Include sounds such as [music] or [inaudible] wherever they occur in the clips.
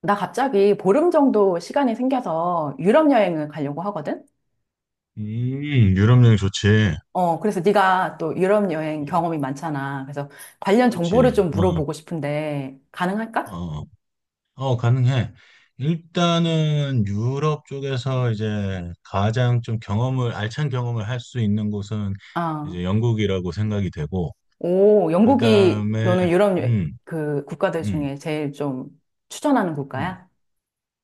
나 갑자기 보름 정도 시간이 생겨서 유럽 여행을 가려고 하거든? 음, 유럽 여행 좋지. 어, 그래서 네가 또 유럽 여행 경험이 많잖아. 그래서 관련 정보를 그렇지. 좀 물어보고 싶은데 어, 가능할까? 어, 가능해. 일단은 유럽 쪽에서 이제 가장 좀 알찬 경험을 할 수 있는 곳은 아, 이제 영국이라고 생각이 되고, 오, 그 영국이 다음에, 너는 음, 그 국가들 음, 중에 제일 좀 추천하는 음. 국가야?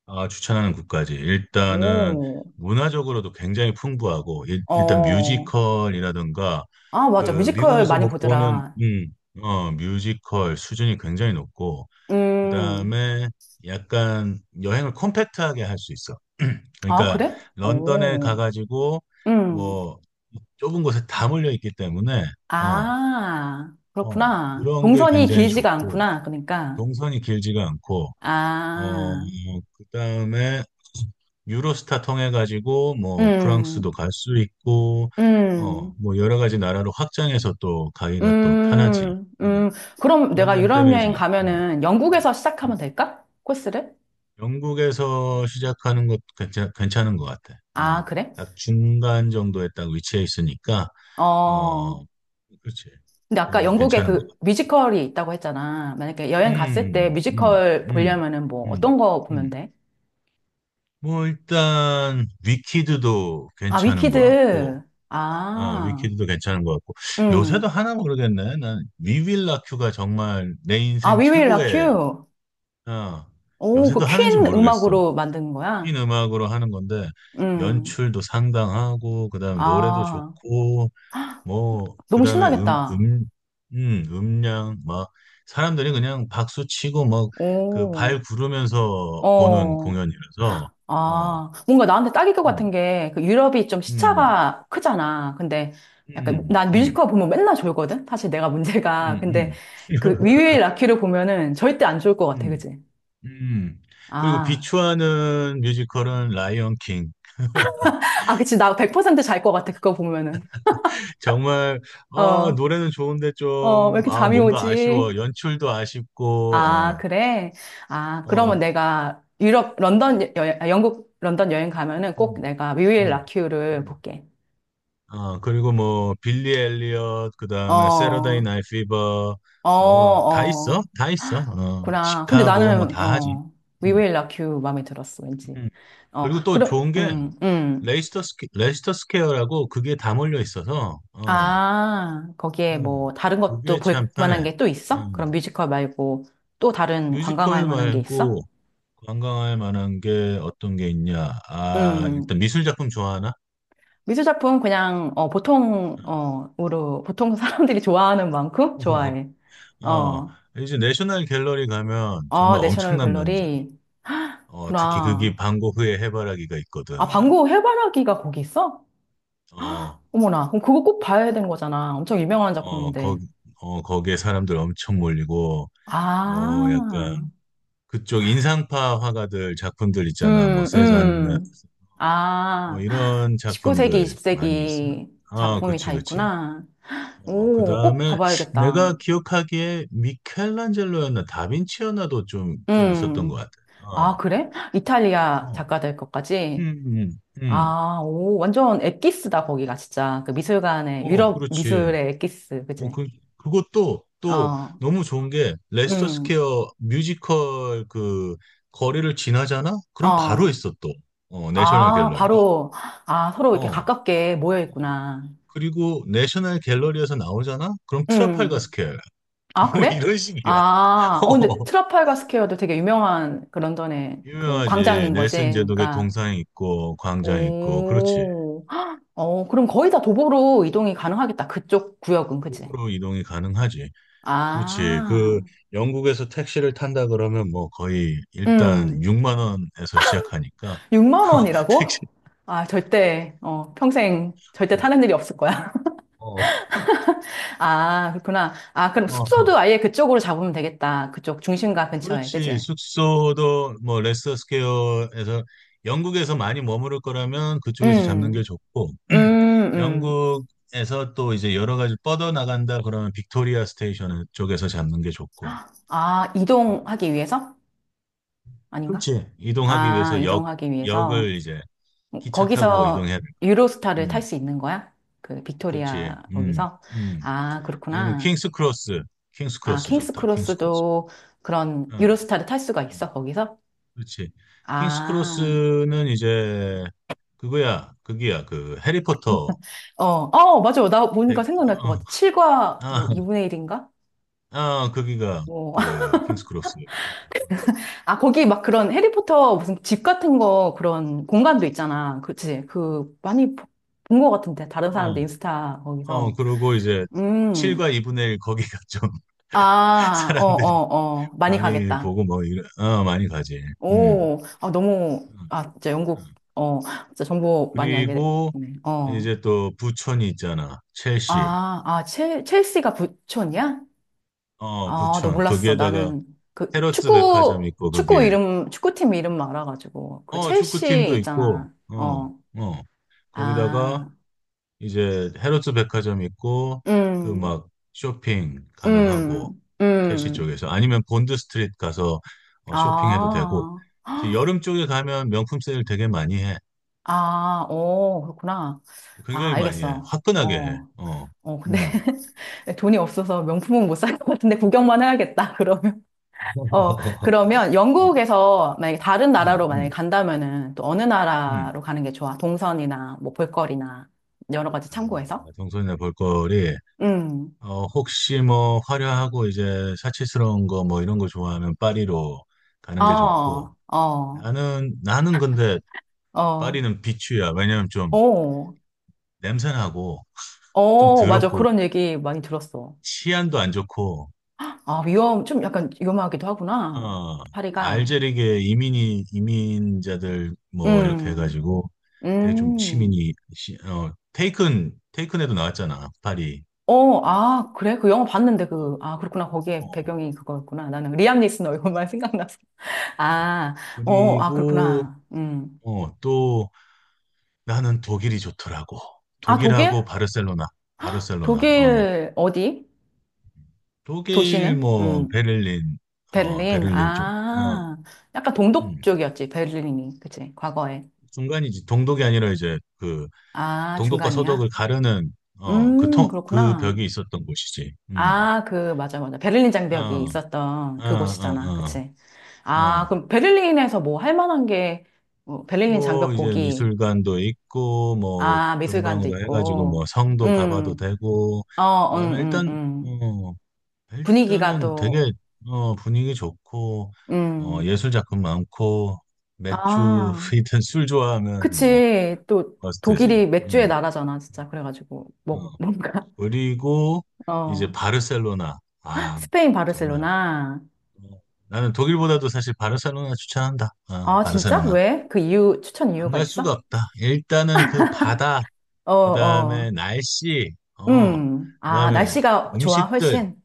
아, 추천하는 국가지. 일단은 오, 문화적으로도 굉장히 풍부하고, 일단 어, 뮤지컬이라든가, 아, 맞아. 그 뮤지컬 미국에서 많이 못 보는, 보더라. 어, 뮤지컬 수준이 굉장히 높고, 음, 그다음에 약간 여행을 컴팩트하게 할 수 있어. 아, 그러니까 그래? 런던에 오, 가가지고 음. 뭐 좁은 곳에 다 몰려 있기 때문에 어, 아, 그렇구나. 그런 게 동선이 굉장히 길지가 좋고 않구나. 그러니까. 동선이 길지가 않고 어, 아, 그다음에 유로스타 통해 가지고 뭐 프랑스도 음, 갈 수 있고 어, 음, 뭐 여러 가지 나라로 확장해서 또 가기가 또 편하지. 음, 응. 음. 그럼 그런 내가 점 유럽 때문에 이제 여행 음, 가면은 음. 영국에서 시작하면 될까? 코스를? 영국에서 시작하는 것도 괜찮은 것 같아. 아, 어, 그래? 딱 중간 정도에 딱 위치해 있으니까, 어. 어, 그렇지. 근데 아까 그게 영국에 괜찮은 것 그 같아. 뮤지컬이 있다고 했잖아. 만약에 여행 갔을 때 음, 음, 뮤지컬 음, 보려면은 뭐 음, 어떤 거 음. 보면 음. 돼? 뭐, 일단, 위키드도 아, 괜찮은 것 같고, 위키드. 아, 아, 위키드도 괜찮은 것 같고, 요새도 음. 하나 모르겠네. 난 위윌라큐가 정말 내 아, 인생 We Will Rock 최고의, You. 아, 오, 그 요새도 하는지 퀸 모르겠어. 음악으로 만든 거야? 핀 음악으로 하는 건데 음. 연출도 상당하고 그다음에 노래도 아, 좋고 뭐 너무 그다음에 신나겠다. 음량 막 사람들이 그냥 박수 치고 막 그 오, 발 구르면서 보는 어. 공연이라서 어, 아, 뭔가 나한테 딱일 것 같은 음, 게, 그 유럽이 좀 음, 시차가 크잖아. 근데 약간, 음, 난 음, 뮤지컬 보면 맨날 졸거든? 사실 내가 문제가. 음, 근데 음. 그 [laughs] 위유의 라키를 보면은 절대 안 졸 것 같아, 음, 그지? 음. 그리고 아. 비추하는 뮤지컬은 라이언 킹. [laughs] 아, 그치. 나 100%잘 것 같아, 그거 보면은. [laughs] 정말 아, 어, 노래는 좋은데 어, 왜 좀 이렇게 아, 잠이 뭔가 아쉬워. 오지? 연출도 아, 아쉽고 그래? 아, 그러면 어, 내가 유럽, 런던, 영국, 런던 여행 가면은 꼭 음, 내가 뮤일 음, 라큐를 음. 볼게. 아, 그리고 뭐, 빌리 엘리엇, 그 다음에 세러데이 어, 나이 피버, 어, 뭐, 다 있어? 어. 다 있어. [gasps] 어, 구나. 근데 시카고, 뭐, 나는, 다 하지. 어, We 음, Will Rock You 마음에 들었어, 왠지. 음. 어, 그리고 또 그럼, 좋은 게, 레이스터 스퀘어라고 그게 다 몰려 있어서, 아, 어, 거기에 뭐, 다른 것도 그게 참 볼 만한 편해. 게 또 있어? 음. 그럼 뮤지컬 말고 또 다른 관광할 뮤지컬 만한 게 있어? 말고 관광할 만한 게 어떤 게 있냐? 아, 일단 미술 작품 좋아하나? 미술 작품 그냥 어, 보통 어으로 보통 사람들이 좋아하는 만큼 [laughs] 좋아해. 어, 어. 이제 내셔널 갤러리 가면 아, 정말 내셔널 엄청난 명작이. 갤러리구나. 어, 특히 그게 방고흐의 해바라기가 있거든. 아, 방구 해바라기가 거기 있어? 어, 어머나. 그럼 그거 꼭 봐야 되는 거잖아. 엄청 유명한 어, 작품인데. 거기, 거기에 사람들 엄청 몰리고, 뭐, 아. 약간, 그쪽 인상파 화가들 작품들 있잖아. 뭐, 음, 세잔느, 음. 뭐, 아. 이런 19세기, 작품들 많이 있어. 20세기 아, 작품이 다 그치, 그치. 있구나. 어, 그 오, 꼭 다음에 봐봐야겠다. 내가 기억하기에 미켈란젤로였나, 다빈치였나도 좀 있었던 음. 것 같아. 아, 어, 그래? 이탈리아 어, 작가들 것까지? 음, 음, 음. 아, 오, 완전 엑기스다, 거기가, 진짜. 그 미술관의, 어, 유럽 그렇지. 미술의 엑기스, 어, 그지? 그, 그것도 또 어, 너무 좋은 게 레스터 음, 스퀘어 뮤지컬 그 거리를 지나잖아? 그럼 바로 어. 있어 또. 어, 내셔널 아, 갤러리가. 바로, 아, 서로 이렇게 어. 어. 가깝게 모여 있구나. 그리고 내셔널 갤러리에서 나오잖아? 그럼 트라팔가 음. 스퀘어 아, [laughs] 뭐 그래? 이런 식이야. [laughs] 아, 어, 근데 어, 트라팔가 스퀘어도 되게 유명한 그 런던의 그 유명하지. 광장인 거지. 넬슨 제독의 그러니까, 동상 있고 광장 있고 그렇지. 오, 어, 그럼 거의 다 도보로 이동이 가능하겠다. 그쪽 구역은, 그지? 북으로 이동이 가능하지. 그렇지. 그 아, 영국에서 택시를 탄다 그러면 뭐 거의 일단 음. 6만 원에서 시작하니까 6만 [laughs] 택시 원이라고? 아, 절대, 어, 평생 절대 타는 일이 없을 거야. 어, [laughs] 아, 그렇구나. 아, 그럼 어. 어. 숙소도 아예 그쪽으로 잡으면 되겠다. 그쪽 중심가 근처에, 그렇지. 그치? 숙소도 뭐 레스터 스퀘어에서 영국에서 많이 머무를 거라면 그쪽에서 잡는 음, 게 좋고 [clears throat] 음, 음. 영국에서 또 이제 여러 가지 뻗어 나간다 그러면 빅토리아 스테이션 쪽에서 잡는 게 [gasps] 좋고 아, 이동하기 위해서? 아닌가? 그렇지. 이동하기 아, 위해서 역 이동하기 위해서. 역을 이제 기차 타고 거기서 이동해야 될 유로스타를 거야. 탈 수 있는 거야? 그 그렇지. 빅토리아 거기서? 음. 아, 아니면 그렇구나. 킹스 크로스. 킹스 아, 크로스 킹스 좋다. 킹스 크로스. 크로스도 그런 어, 유로스타를 탈 수가 음, 있어, 거기서? 그렇지. 킹스 아, 크로스는 이제 그거야. 그기야. 그 해리포터. 어, 어, 맞아요. 나니까 백- 어, 생각날 것 같아. 7과 뭐 아, 2분의 1인가? 아, 거기가 뭐. [laughs] 그 킹스 크로스. 아, 거기 막 그런 해리포터 무슨 집 같은 거 그런 공간도 있잖아. 그치? 그 많이 본 것 같은데. 다른 어, 사람들 인스타 거기서. 그리고 이제 음. 7과 2분의 1 거기가 좀 [laughs] 아, 어, 사람들이 어, 어. 많이 많이 가겠다. 보고 뭐 이런, 어, 많이 가지. 음. 오, 아, 너무, 음, 아, 진짜 영국, 음. 어, 진짜 정보 많이 알게 그리고 됐네. 어. 이제 또 부천이 있잖아. 첼시. 아, 아, 첼시가 부촌이야? 어, 아, 너 부천. 몰랐어. 거기에다가 나는 그 헤럿즈 백화점 축구, 있고 거기에 축구 이름, 축구팀 이름만 알아가지고. 그 어, 첼시 축구팀도 있고 있잖아. 어. 어. 거기다가 아, 이제 헤럿즈 백화점 있고 그 음, 막 쇼핑 가능하고 음, 첼시 음. 쪽에서 아니면 본드 스트리트 가서 어, 쇼핑해도 되고 아, 이제 헉, 여름 쪽에 가면 명품 세일 되게 많이 해. 아, 오, 그렇구나. 아, 굉장히 많이 해. 알겠어. 화끈하게 해. 어, 어. 어, 근데 음. [laughs] 돈이 없어서 명품은 못 살 것 같은데 구경만 해야겠다, 그러면. 어, [laughs] 그러면 어, 영국에서 만약에 다른 음, 나라로 만약에 음, 간다면은 또 어느 음. 나라로 가는 게 좋아? 동선이나 뭐 볼거리나 여러 가지 아, 참고해서? 정선이네 볼거리. 음. 어, 혹시 뭐 화려하고 이제 사치스러운 거 뭐 이런 거 좋아하면 파리로 어, 가는 게 좋고. 어, 나는 근데 어, 파리는 비추야. 왜냐면 좀 어, 냄새나고 좀 어, 맞아. 더럽고 그런 얘기 많이 들었어. 치안도 안 좋고. 아, 위험, 좀 약간 위험하기도 하구나. 어, 파리가. 알제리계 이민이 이민자들 뭐 이렇게 음, 해가지고 되게 좀 음. 치민이 시- 어 테이큰에도 나왔잖아 파리. 어, 아, 그래? 그 영화 봤는데 그, 아, 그렇구나. 어, 거기에 어. 배경이 그거였구나. 나는 리암 니슨 얼굴만 [laughs] 생각났어. 아, 어, 아, 그리고 그렇구나. 음. 또 나는 독일이 좋더라고. 아, 독일? 독일하고 바르셀로나, 바르셀로나. 어, 독일 어디? 독일 도시는? 뭐 음. 베를린, 어, 베를린. 베를린 쪽. 어, 아, 약간 동독 음, 쪽이었지, 베를린이. 그치, 과거에. 중간이지. 동독이 아니라 이제 그 아, 동독과 서독을 중간이야? 가르는 그 그렇구나. 벽이 있었던 곳이지. 아, 그, 맞아, 맞아. 베를린 장벽이 어, 있었던 어, 그곳이잖아. 어, 그치. 어, 아, 어. 그럼 베를린에서 뭐 할 만한 게, 뭐 베를린 뭐 장벽 이제 보기. 미술관도 있고 뭐 아, 미술관도 근방으로 해가지고 뭐 있고. 성도 가봐도 음, 되고. 어, 그다음에 음, 음. 어, 분위기가 일단은 또, 되게 어, 분위기 좋고 어, 음. 예술 작품 많고 맥주 아, [laughs] 이든 술 좋아하면 뭐 그치. 또 버스트지. 독일이 맥주의 나라잖아, 진짜. 그래가지고 뭐 어. 뭔가 그리고 [laughs] 이제 어 바르셀로나. 아 스페인 정말 바르셀로나. 어, 나는 독일보다도 사실 바르셀로나 추천한다. 아, 아, 진짜? 바르셀로나 왜? 그 이유 추천 안 이유가 갈 수가 있어? 없다. 일단은 그 바다, 어, 그 다음에 어. 날씨, 어, 그 음. 아, 다음에 날씨가 좋아, 음식들. 훨씬.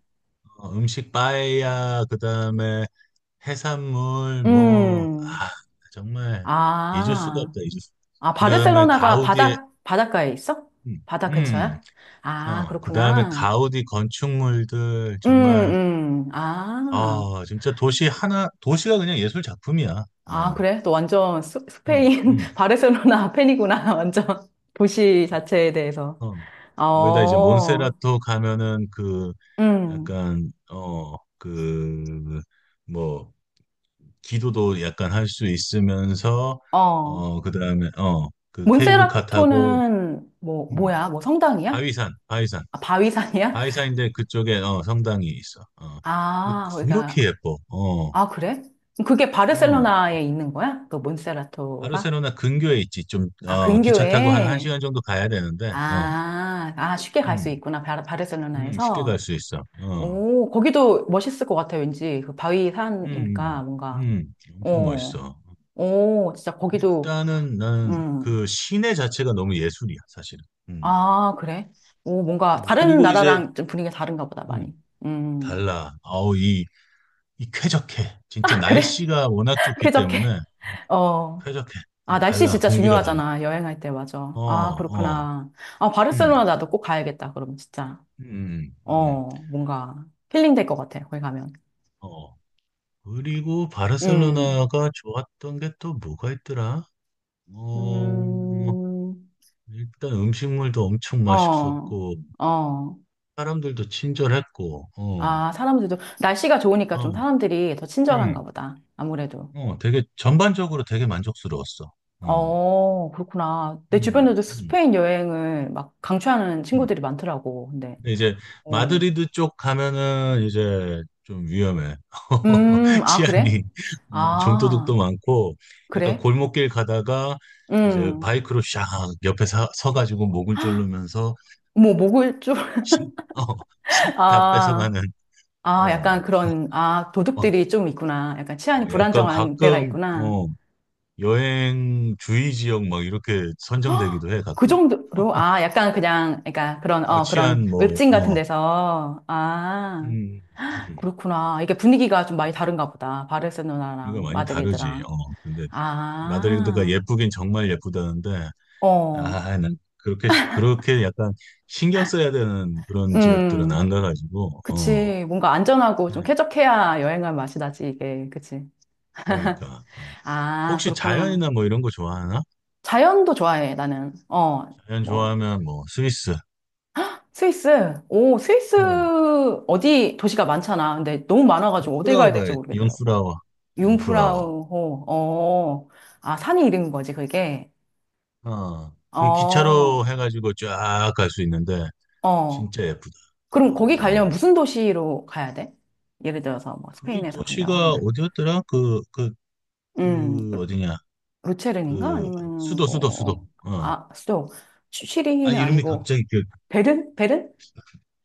어, 음식 빠에야 그다음에 해산물 뭐 음. 아, 정말 잊을 수가 아, 없다 잊을 수. 아, 그다음에 바르셀로나가 가우디의 바다 바닷가에 있어? 음, 바다 음, 근처야? 아, 어 그다음에 그렇구나. 가우디 건축물들 정말 음, 아. 아 진짜 도시 하나 도시가 그냥 예술 작품이야. 아, 어, 그래? 너 완전 어, 스페인, 음, [laughs] 바르셀로나 팬이구나. [laughs] 완전. 도시 자체에 대해서. 어. 거기다 이제 어, 몬세라토 가면은 그 음, 약간 어그뭐 기도도 약간 할 수 있으면서 어. 어 그다음에 어 그 케이블카 타고 몬세라토는 음, 뭐야? 뭐 성당이야? 바위산 바위산 아, 바위산이야? 바위산인데 그쪽에 어 성당이 있어 어 아, 그러니까, 그렇게 예뻐 아, 그래? 그게 어어 바르셀로나에 있는 거야? 그 몬세라토가? 바르셀로나 근교에 있지 좀 아, 어 기차 타고 한 근교에? 1시간 정도 가야 되는데 어 아, 아, 쉽게 갈 수 음, 있구나. 쉽게 갈 바르셀로나에서. 수 있어 어 오, 거기도 멋있을 것 같아, 왠지. 그 음, 바위산이니까 뭔가. 엄청 어. 멋있어 오, 진짜 거기도, 일단은 나는 음. 그 시내 자체가 너무 예술이야 사실은 음. 아, 그래? 오, 뭔가 다른 그리고 이제 나라랑 좀 분위기가 다른가 보다, 많이. 음, 음. 달라. 아우, 이 쾌적해. [laughs] 진짜 아, 그래? 날씨가 워낙 [laughs] 좋기 때문에, 쾌적해? 어, 어. 쾌적해. 아, 어, 날씨 달라. 진짜 공기가 달라. 중요하잖아. 여행할 때, 맞아. 어, 아, 어, 그렇구나. 아, 바르셀로나 음, 나도 꼭 가야겠다, 그러면 진짜. 음, 음, 어, 뭔가 힐링 될 것 같아, 거기 가면. 어. 그리고 음. 바르셀로나가 좋았던 게 또 뭐가 있더라? 어, 음. 일단 음식물도 엄청 어. 맛있었고, 어. 사람들도 친절했고, 아, 사람들도, 날씨가 좋으니까 어, 좀 사람들이 더 친절한가 음, 보다. 아무래도. 되게 전반적으로 되게 만족스러웠어. 음, 어, 그렇구나. 내 음, 주변에도 음, 스페인 여행을 막 강추하는 음. 친구들이 많더라고. 근데, 근데 이제 어. 마드리드 쪽 가면은 이제 좀 위험해. [laughs] 아, 그래? 치안이 어, 좀도둑도 아, 많고 약간 그래? 골목길 가다가 이제 음, 바이크로 샥 옆에 서가지고 목을 졸르면서 뭐, 먹을 줄. 씩, 어, [laughs] 씩다 아, 뺏어가는 아, 약간 어, 그런, 아, 어, 도둑들이 좀 있구나. 약간 어, 치안이 약간 불안정한 데가 가끔 있구나. 어, 여행 주의 지역 막 이렇게 선정되기도 해 그 가끔. 정도로, 아, 약간 그냥, 그러니까 그런, 어, 어, 그런 치안 뭐 웹진 같은 데서, 아, 음, 음. 그렇구나. 이게 분위기가 좀 많이 다른가 보다. 이거 바르셀로나랑 많이 다르지. 마드리드랑. 어, 근데 마드리드가 아. 예쁘긴 정말 예쁘다는데, 어, 아, 난 그렇게 약간 신경 써야 되는 그런 지역들은 음, 안 가가지고, 그치. 뭔가 안전하고 좀 음, 쾌적해야 여행할 맛이 나지, 이게. 그치. 그러니까 어. 아, 혹시 그렇구나. 자연이나 뭐 이런 거 좋아하나? 자연도 좋아해, 나는. 어, 자연 뭐, 좋아하면 뭐 스위스, 스위스. 오, 스위스 응. 어디 도시가 많잖아. 근데 너무 많아가지고 어디 가야 융프라우가 될지 모르겠더라고. 융프라워, 융프라워, 융프라우호, 어, 아, 산이 이름인 거지, 그게. 어, 그 어, 기차로 해가지고 쫙 갈 수 있는데 어. 진짜 예쁘다 그럼 그거. 거기 어, 가려면 무슨 도시로 가야 돼? 예를 들어서 뭐 그게 스페인에서 간다고 도시가 하면. 어디였더라? 그 그, 음. 그 어디냐? 루체른인가? 그 아니면 수도 뭐, 어 아, 수도, 시리히아 는 이름이 아니고, 갑자기 기억 베른? 베른?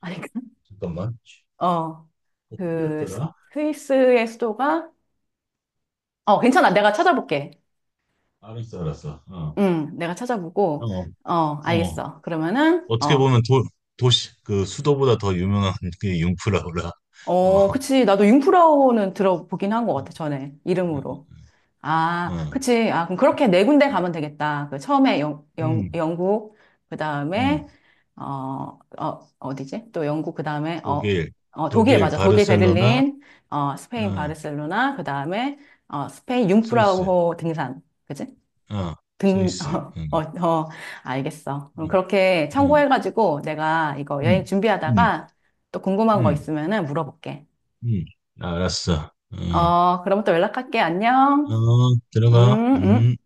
아닌가? [laughs] 잠깐만 어, 그, 스- 어디였더라 스위스의 수도가, 어, 괜찮아. 내가 찾아볼게. 알았어 알았어 응, 내가 어 찾아보고, 어 어, 어 알겠어. 그러면은, 어. 떻게 어, 보면 도 도시 그 수도보다 더 유명한 게 융프라우라 어, 어어음음 그치. 나도 융프라우는 들어보긴 한 것 같아, 전에. 이름으로. 아, 그치. 아, 그럼 그렇게 4군데 가면 되겠다. 그 처음에 음, 영국, 그 음. 다음에, 어, 어, 어디지? 또 영국, 그 다음에, 어, 독일 어, 독일, 독일 맞아. 독일, 바르셀로나 베를린, 어, 스페인, 어 바르셀로나, 그 다음에, 어, 스페인, 스위스 융프라우호 등산. 그치? 어 등, 스위스 [laughs] 어, 어, 어, 알겠어. 그럼 그렇게 참고해가지고 내가 이거 여행 음음음음음음 준비하다가 또 궁금한 거 있으면은 물어볼게. 알았어 어 어, 그러면 또 연락할게. 안녕. 어, 들어가 음, 음.